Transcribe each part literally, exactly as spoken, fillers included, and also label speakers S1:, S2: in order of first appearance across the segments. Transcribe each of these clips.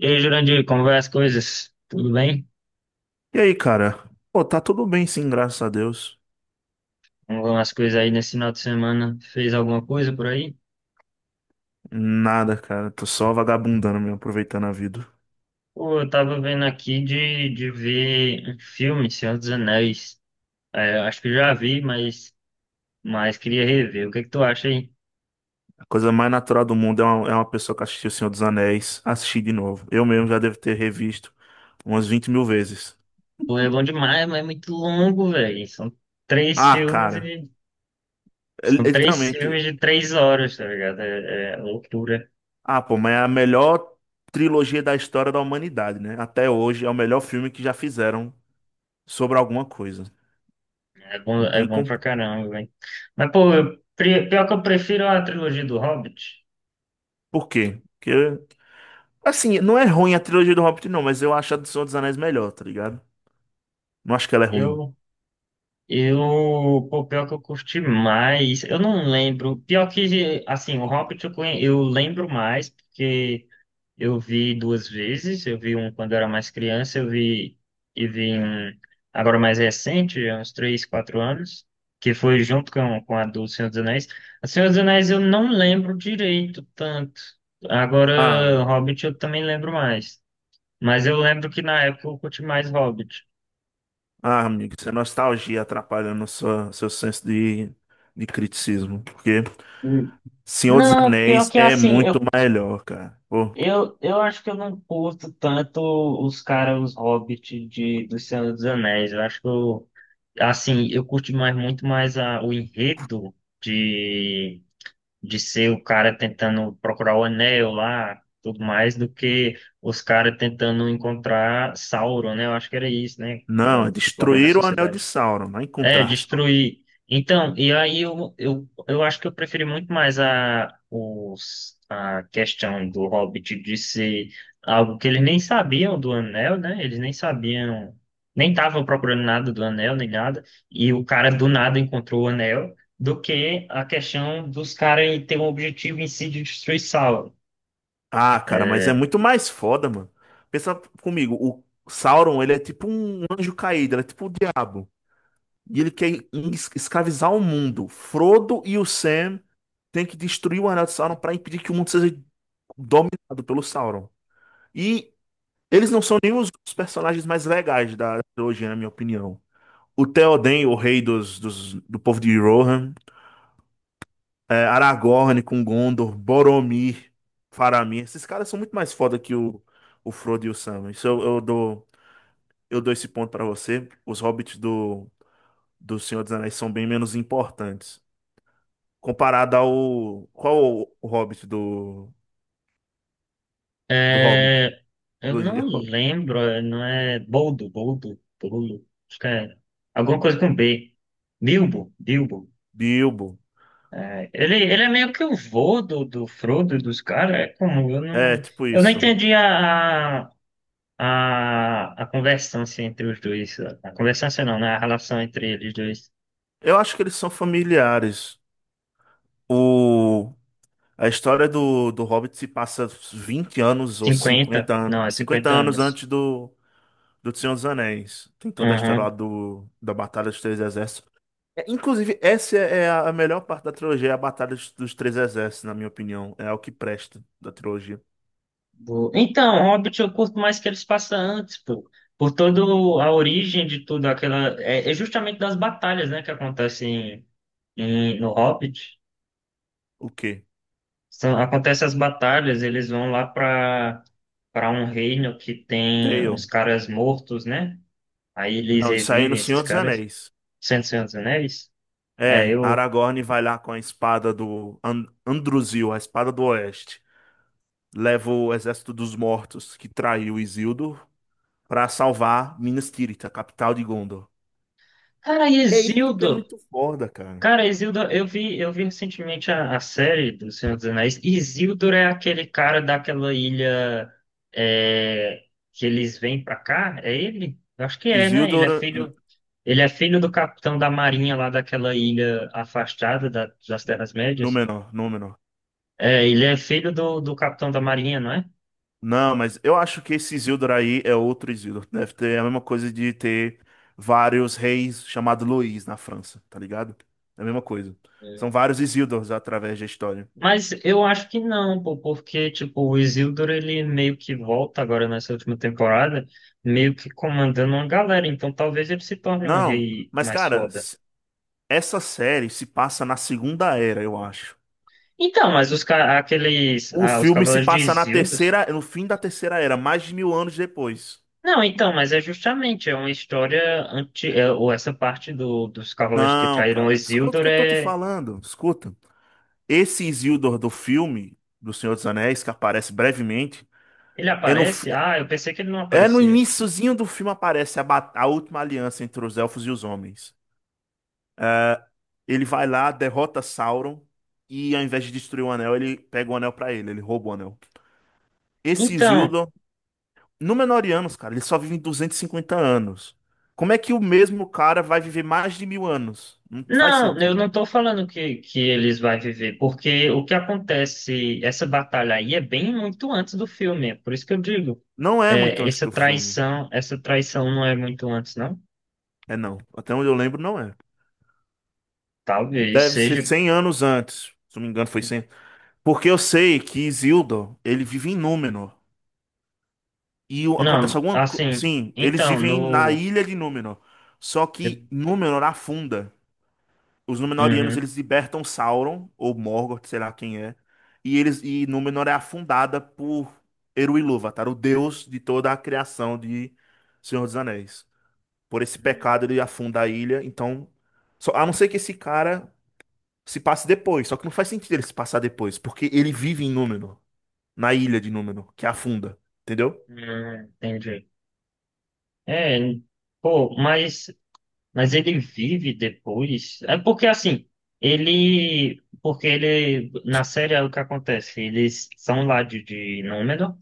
S1: E aí, Jurandir, como vai as coisas? Tudo bem?
S2: E aí, cara? Pô, tá tudo bem sim, graças a Deus.
S1: Como vão as coisas aí nesse final de semana? Fez alguma coisa por aí?
S2: Nada, cara. Tô só vagabundando mesmo, aproveitando a vida.
S1: Pô, eu tava vendo aqui de, de ver um filme, Senhor dos Anéis. É, acho que já vi, mas, mas queria rever. O que é que tu acha aí?
S2: A coisa mais natural do mundo é uma, é uma pessoa que assistiu O Senhor dos Anéis assistir de novo. Eu mesmo já devo ter revisto umas vinte mil vezes.
S1: Pô, é bom demais, mas é muito longo, velho. São três
S2: Ah,
S1: filmes
S2: cara.
S1: e...
S2: É é
S1: São três
S2: literalmente.
S1: filmes de três horas, tá ligado? É, é loucura.
S2: Ah, pô, mas é a melhor trilogia da história da humanidade, né? Até hoje é o melhor filme que já fizeram sobre alguma coisa.
S1: É bom,
S2: Não
S1: é
S2: tem
S1: bom pra
S2: como.
S1: caramba, velho. Mas, pô, eu, pri- pior que eu prefiro a trilogia do Hobbit.
S2: Por quê? Porque. Assim, não é ruim a trilogia do Hobbit, não, mas eu acho a do Senhor dos Anéis melhor, tá ligado? Não acho que ela é ruim.
S1: Eu Eu, pô, pior que eu curti mais, eu não lembro. Pior que, assim, o Hobbit eu, conhe- eu lembro mais, porque eu vi duas vezes. Eu vi um quando eu era mais criança, eu vi, e vi um agora mais recente, há uns três, quatro anos, que foi junto com, com a do Senhor dos Anéis. A Senhor dos Anéis eu não lembro direito tanto.
S2: Ah,
S1: Agora, Hobbit eu também lembro mais. Mas eu lembro que na época eu curti mais Hobbit.
S2: ah, amigo, isso é nostalgia atrapalhando sua, seu senso de, de criticismo. Porque
S1: Hum.
S2: Senhor dos
S1: Não, pior
S2: Anéis
S1: que
S2: é
S1: assim,
S2: muito
S1: eu
S2: melhor, cara. Pô,
S1: Eu, eu acho que eu não curto tanto os caras, os hobbits de, do Senhor dos Anéis. Eu acho que eu, assim, eu curto mais, muito mais a, o enredo de, de ser o cara tentando procurar o anel lá, tudo mais, do que os caras tentando encontrar Sauron, né? Eu acho que era isso, né?
S2: não, é
S1: É, formando a
S2: destruir o Anel de
S1: sociedade.
S2: Sauron, não é
S1: É,
S2: encontrar Sauron.
S1: destruir. Então, e aí eu, eu, eu acho que eu preferi muito mais a, os, a questão do Hobbit de ser algo que eles nem sabiam do Anel, né? Eles nem sabiam, nem estavam procurando nada do Anel, nem nada. E o cara do nada encontrou o Anel, do que a questão dos caras ter um objetivo em si de destruir Sauron.
S2: Ah, cara, mas é muito mais foda, mano. Pensa comigo, o Sauron, ele é tipo um anjo caído, ele é tipo o diabo. E ele quer es- escravizar o mundo. Frodo e o Sam têm que destruir o Anel de Sauron para impedir que o mundo seja dominado pelo Sauron. E eles não são nem os os personagens mais legais da trilogia, na minha opinião. O Theoden, o rei dos, dos- do povo de Rohan, é, Aragorn com Gondor, Boromir, Faramir, esses caras são muito mais foda que o, o Frodo e o Sam. Isso eu, eu dou, eu dou esse ponto pra você. Os hobbits do, do Senhor dos Anéis são bem menos importantes. Comparado ao. Qual o, o hobbit do, do Hobbit?
S1: Eu
S2: Trilogia
S1: não
S2: Hobbit?
S1: lembro, é, não é Boldo, Boldo, Boldo, acho que é alguma coisa com B. Bilbo, Bilbo.
S2: Bilbo.
S1: Ele, ele é meio que o vô do, do Frodo e dos caras, é como, eu
S2: É,
S1: não,
S2: tipo
S1: eu não
S2: isso.
S1: entendi a, a, a, a conversância entre os dois, a conversância não, né, a relação entre eles dois,
S2: Eu acho que eles são familiares. O, a história do, do Hobbit se passa vinte anos ou
S1: cinquenta
S2: cinquenta anos,
S1: não, é
S2: cinquenta
S1: cinquenta
S2: anos
S1: anos,
S2: antes do, do Senhor dos Anéis. Tem toda a história lá
S1: Uhum.
S2: do, da Batalha dos Três Exércitos. É, inclusive, essa é a a melhor parte da trilogia, é a Batalha dos, dos Três Exércitos, na minha opinião. É o que presta da trilogia.
S1: Bo- Então, Hobbit eu curto mais que eles passam antes, pô, por toda a origem de tudo, aquela, é, é justamente das batalhas, né, que acontecem em- no Hobbit.
S2: O quê?
S1: São, acontece as batalhas, eles vão lá para para um reino que tem uns
S2: Dale.
S1: caras mortos, né? Aí eles
S2: Não, isso aí é no
S1: revivem esses
S2: Senhor dos
S1: caras.
S2: Anéis.
S1: Cento Senhor dos Anéis. É,
S2: É,
S1: eu.
S2: Aragorn vai lá com a espada do An- Andruzil, a espada do Oeste. Leva o exército dos mortos que traiu Isildur para salvar Minas Tirith, a capital de Gondor.
S1: Cara,
S2: É isso que é
S1: Isildur!
S2: muito foda, cara.
S1: Cara, Isildur, eu vi, eu vi recentemente a, a série do Senhor dos Anéis. Isildur é aquele cara daquela ilha é, que eles vêm pra cá? É ele? Eu acho que é, né? Ele
S2: Isildur,
S1: é
S2: N-
S1: filho. Ele é filho do capitão da marinha lá daquela ilha afastada da- das Terras-médias.
S2: Númenor, Númenor.
S1: É, ele é filho do, do capitão da marinha, não é?
S2: Não, mas eu acho que esse Isildur aí é outro Isildur. Deve ter a mesma coisa de ter vários reis chamados Luís na França, tá ligado? É a mesma coisa. São
S1: É,
S2: vários Isildurs através da história.
S1: mas eu acho que não, pô, porque, tipo, o Isildur, ele meio que volta agora nessa última temporada, meio que comandando uma galera, então talvez ele se torne um
S2: Não,
S1: rei
S2: mas
S1: mais
S2: cara,
S1: foda.
S2: s- essa série se passa na Segunda Era, eu acho.
S1: Então, mas os, ca- aqueles,
S2: O
S1: ah, os
S2: filme se
S1: Cavaleiros de
S2: passa na
S1: Isildur...
S2: terceira, no fim da Terceira Era, mais de mil anos depois.
S1: Não, então, mas é justamente, é uma história anti... é, ou essa parte do, dos Cavaleiros que
S2: Não,
S1: traíram o
S2: cara, escuta o
S1: Isildur,
S2: que eu tô te
S1: é...
S2: falando. Escuta. Esse Isildur do filme do Senhor dos Anéis, que aparece brevemente,
S1: ele
S2: é no, fi-
S1: aparece? Ah, eu pensei que ele não
S2: é no
S1: aparecia.
S2: iniciozinho do filme aparece a, ba- a última aliança entre os elfos e os homens. Ele vai lá, derrota Sauron e ao invés de destruir o anel, ele pega o anel pra ele, ele rouba o anel. Esse
S1: Então,
S2: Isildur, Númenóreanos, cara, ele só vive duzentos e cinquenta anos. Como é que o mesmo cara vai viver mais de mil anos? Não faz
S1: não, eu
S2: sentido.
S1: não estou falando que, que eles vão viver, porque o que acontece, essa batalha aí é bem muito antes do filme, é por isso que eu digo,
S2: Não é muito
S1: é,
S2: antes
S1: essa
S2: do filme.
S1: traição, essa traição não é muito antes, não?
S2: É não. Até onde eu lembro, não é.
S1: Talvez
S2: Deve ser
S1: seja.
S2: cem anos antes. Se não me engano, foi cem, Porque eu sei que Isildur, ele vive em Númenor. E o- acontece
S1: Não,
S2: alguma coisa.
S1: assim,
S2: Sim, eles
S1: então,
S2: vivem na
S1: no.
S2: ilha de Númenor. Só que
S1: Uhum,
S2: Númenor afunda. Os Númenóreanos,
S1: uhum,
S2: eles libertam Sauron, ou Morgoth, sei lá quem é. E eles e Númenor é afundada por Eru Ilúvatar, o deus de toda a criação de Senhor dos Anéis. Por esse pecado, ele afunda a ilha. Então, só, a não ser que esse cara se passa depois. Só que não faz sentido ele se passar depois, porque ele vive em Númenor, na ilha de Númenor, que afunda, entendeu?
S1: hum, entendi. É, pô, mas Mas ele vive depois. É porque assim, ele. Porque ele. Na série é o que acontece. Eles são lá de, de Númenor.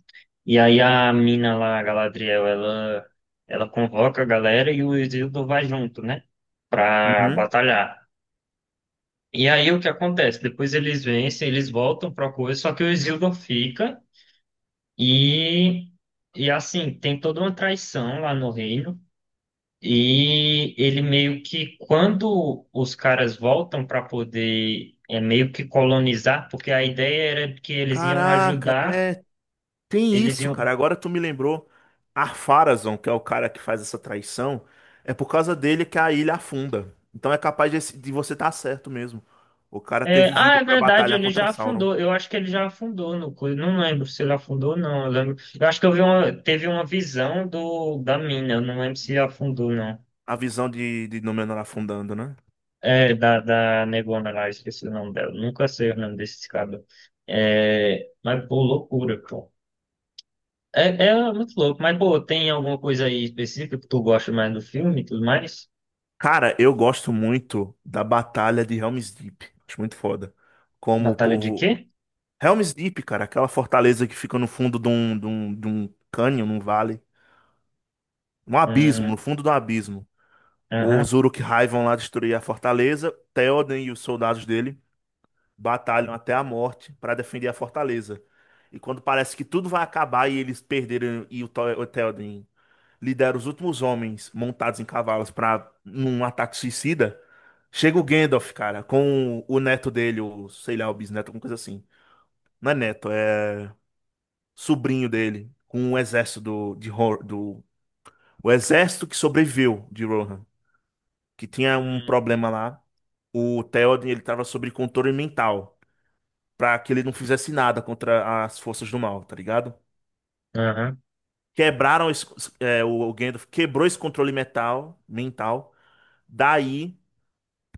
S1: E aí a mina lá, a Galadriel, ela, ela convoca a galera e o Isildur vai junto, né? Pra
S2: Uhum.
S1: batalhar. E aí o que acontece? Depois eles vencem, eles voltam pra coisa, só que o Isildur fica e. E assim, tem toda uma traição lá no reino. E ele meio que, quando os caras voltam para poder é, meio que colonizar, porque a ideia era que eles iam
S2: Caraca,
S1: ajudar,
S2: é, tem
S1: eles
S2: isso,
S1: iam.
S2: cara. Agora tu me lembrou. Ar-Pharazôn, que é o cara que faz essa traição, é por causa dele que a ilha afunda. Então é capaz de, esse- de você estar certo mesmo. O cara ter
S1: É, ah,
S2: vivido
S1: é
S2: pra
S1: verdade,
S2: batalhar
S1: ele
S2: contra
S1: já
S2: Sauron.
S1: afundou. Eu acho que ele já afundou no coisa. Não lembro se ele afundou, ou não. Eu lembro. Eu acho que eu vi uma, teve uma visão do, da mina. Eu não lembro se afundou, não.
S2: A visão de, de Númenor afundando, né?
S1: É, da, da negona lá, esqueci o nome dela. Nunca sei o nome desse cara. É, mas, pô, loucura, pô. É, é muito louco, mas pô, tem alguma coisa aí específica que tu gosta mais do filme e tudo mais?
S2: Cara, eu gosto muito da batalha de Helm's Deep. Acho muito foda. Como o
S1: Batalha de
S2: povo
S1: quê?
S2: Helm's Deep, cara, aquela fortaleza que fica no fundo de um, de um, de um cânion, num vale, um abismo,
S1: Hum,
S2: no fundo do abismo. Os
S1: Aham.
S2: Uruk-hai vão lá destruir a fortaleza, Theoden e os soldados dele batalham até a morte para defender a fortaleza. E quando parece que tudo vai acabar e eles perderam e o Tho- o Theoden lidera os últimos homens montados em cavalos para num ataque suicida, chega o Gandalf, cara, com o neto dele, ou sei lá, o bisneto, alguma coisa assim. Não é neto, é sobrinho dele com o exército do, de, Ro- do o exército que sobreviveu de Rohan, que tinha um
S1: Hum,
S2: problema lá. O Theoden, ele tava sob controle mental, pra que ele não fizesse nada contra as forças do mal, tá ligado?
S1: aham.
S2: Quebraram esse, é, o, o Gandalf quebrou esse controle mental, mental. Daí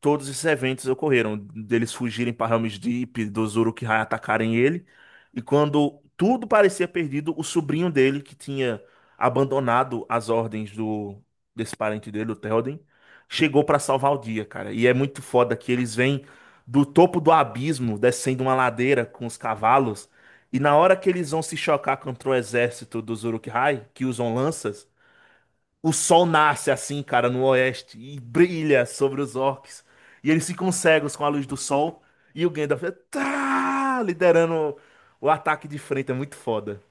S2: todos esses eventos ocorreram, deles fugirem para Helm's Deep, dos Uruk-hai atacarem ele, e quando tudo parecia perdido, o sobrinho dele, que tinha abandonado as ordens do desse parente dele, o Théoden, chegou para salvar o dia, cara. E é muito foda que eles vêm do topo do abismo, descendo uma ladeira com os cavalos, e na hora que eles vão se chocar contra o exército dos Uruk-hai, que usam lanças, o sol nasce assim, cara, no oeste e brilha sobre os orcs. E eles ficam cegos com a luz do sol. E o Gandalf é, tá, liderando o ataque de frente. É muito foda.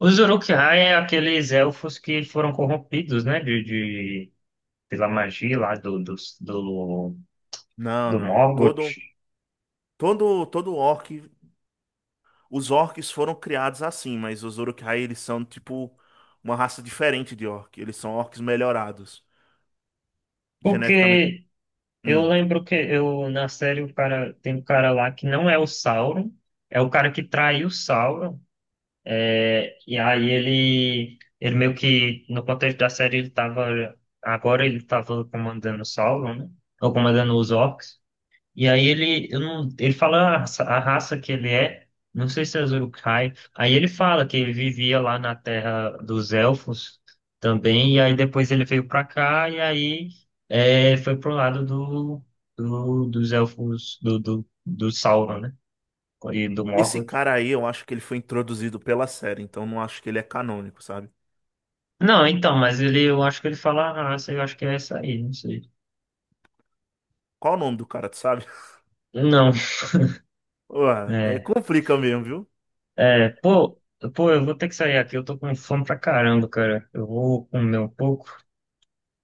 S1: Os Uruk-hai é aqueles elfos que foram corrompidos, né? De, de- pela magia lá do, dos- do,
S2: Não,
S1: do,
S2: não.
S1: Morgoth.
S2: Todo, todo, todo orc. Os orcs foram criados assim, mas os Uruk-hai, eles são tipo uma raça diferente de orc. Eles são orcs melhorados. Geneticamente.
S1: Porque eu
S2: Hum.
S1: lembro que eu, na série o cara, tem um cara lá que não é o Sauron, é o cara que traiu o Sauron. E aí ele, ele meio que, no contexto da série, ele tava, agora ele tava comandando o Sauron, né? Ou comandando os orcs. E aí ele, eu não, ele fala a, raça a raça que ele é, não sei se é Uruk-hai. Aí ele fala que ele vivia lá na terra dos elfos também, e aí depois ele veio pra cá, e aí é, foi pro lado do, do, dos elfos, do, do, do Sauron, né? E do
S2: Esse
S1: Morgoth.
S2: cara aí, eu acho que ele foi introduzido pela série, então não acho que ele é canônico, sabe?
S1: Não, então, mas ele, eu acho que ele fala a raça, eu acho que é essa aí, não sei.
S2: Qual o nome do cara, tu sabe?
S1: Não,
S2: Ué, aí
S1: é,
S2: complica mesmo, viu?
S1: é, pô, pô, eu vou ter que sair aqui, eu tô com fome pra caramba, cara. Eu vou comer um pouco.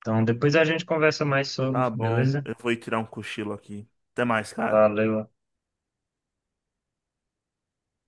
S1: Então, depois a gente conversa mais
S2: Tá
S1: sobre,
S2: bom,
S1: beleza?
S2: eu vou ir tirar um cochilo aqui. Até mais, cara.
S1: Valeu.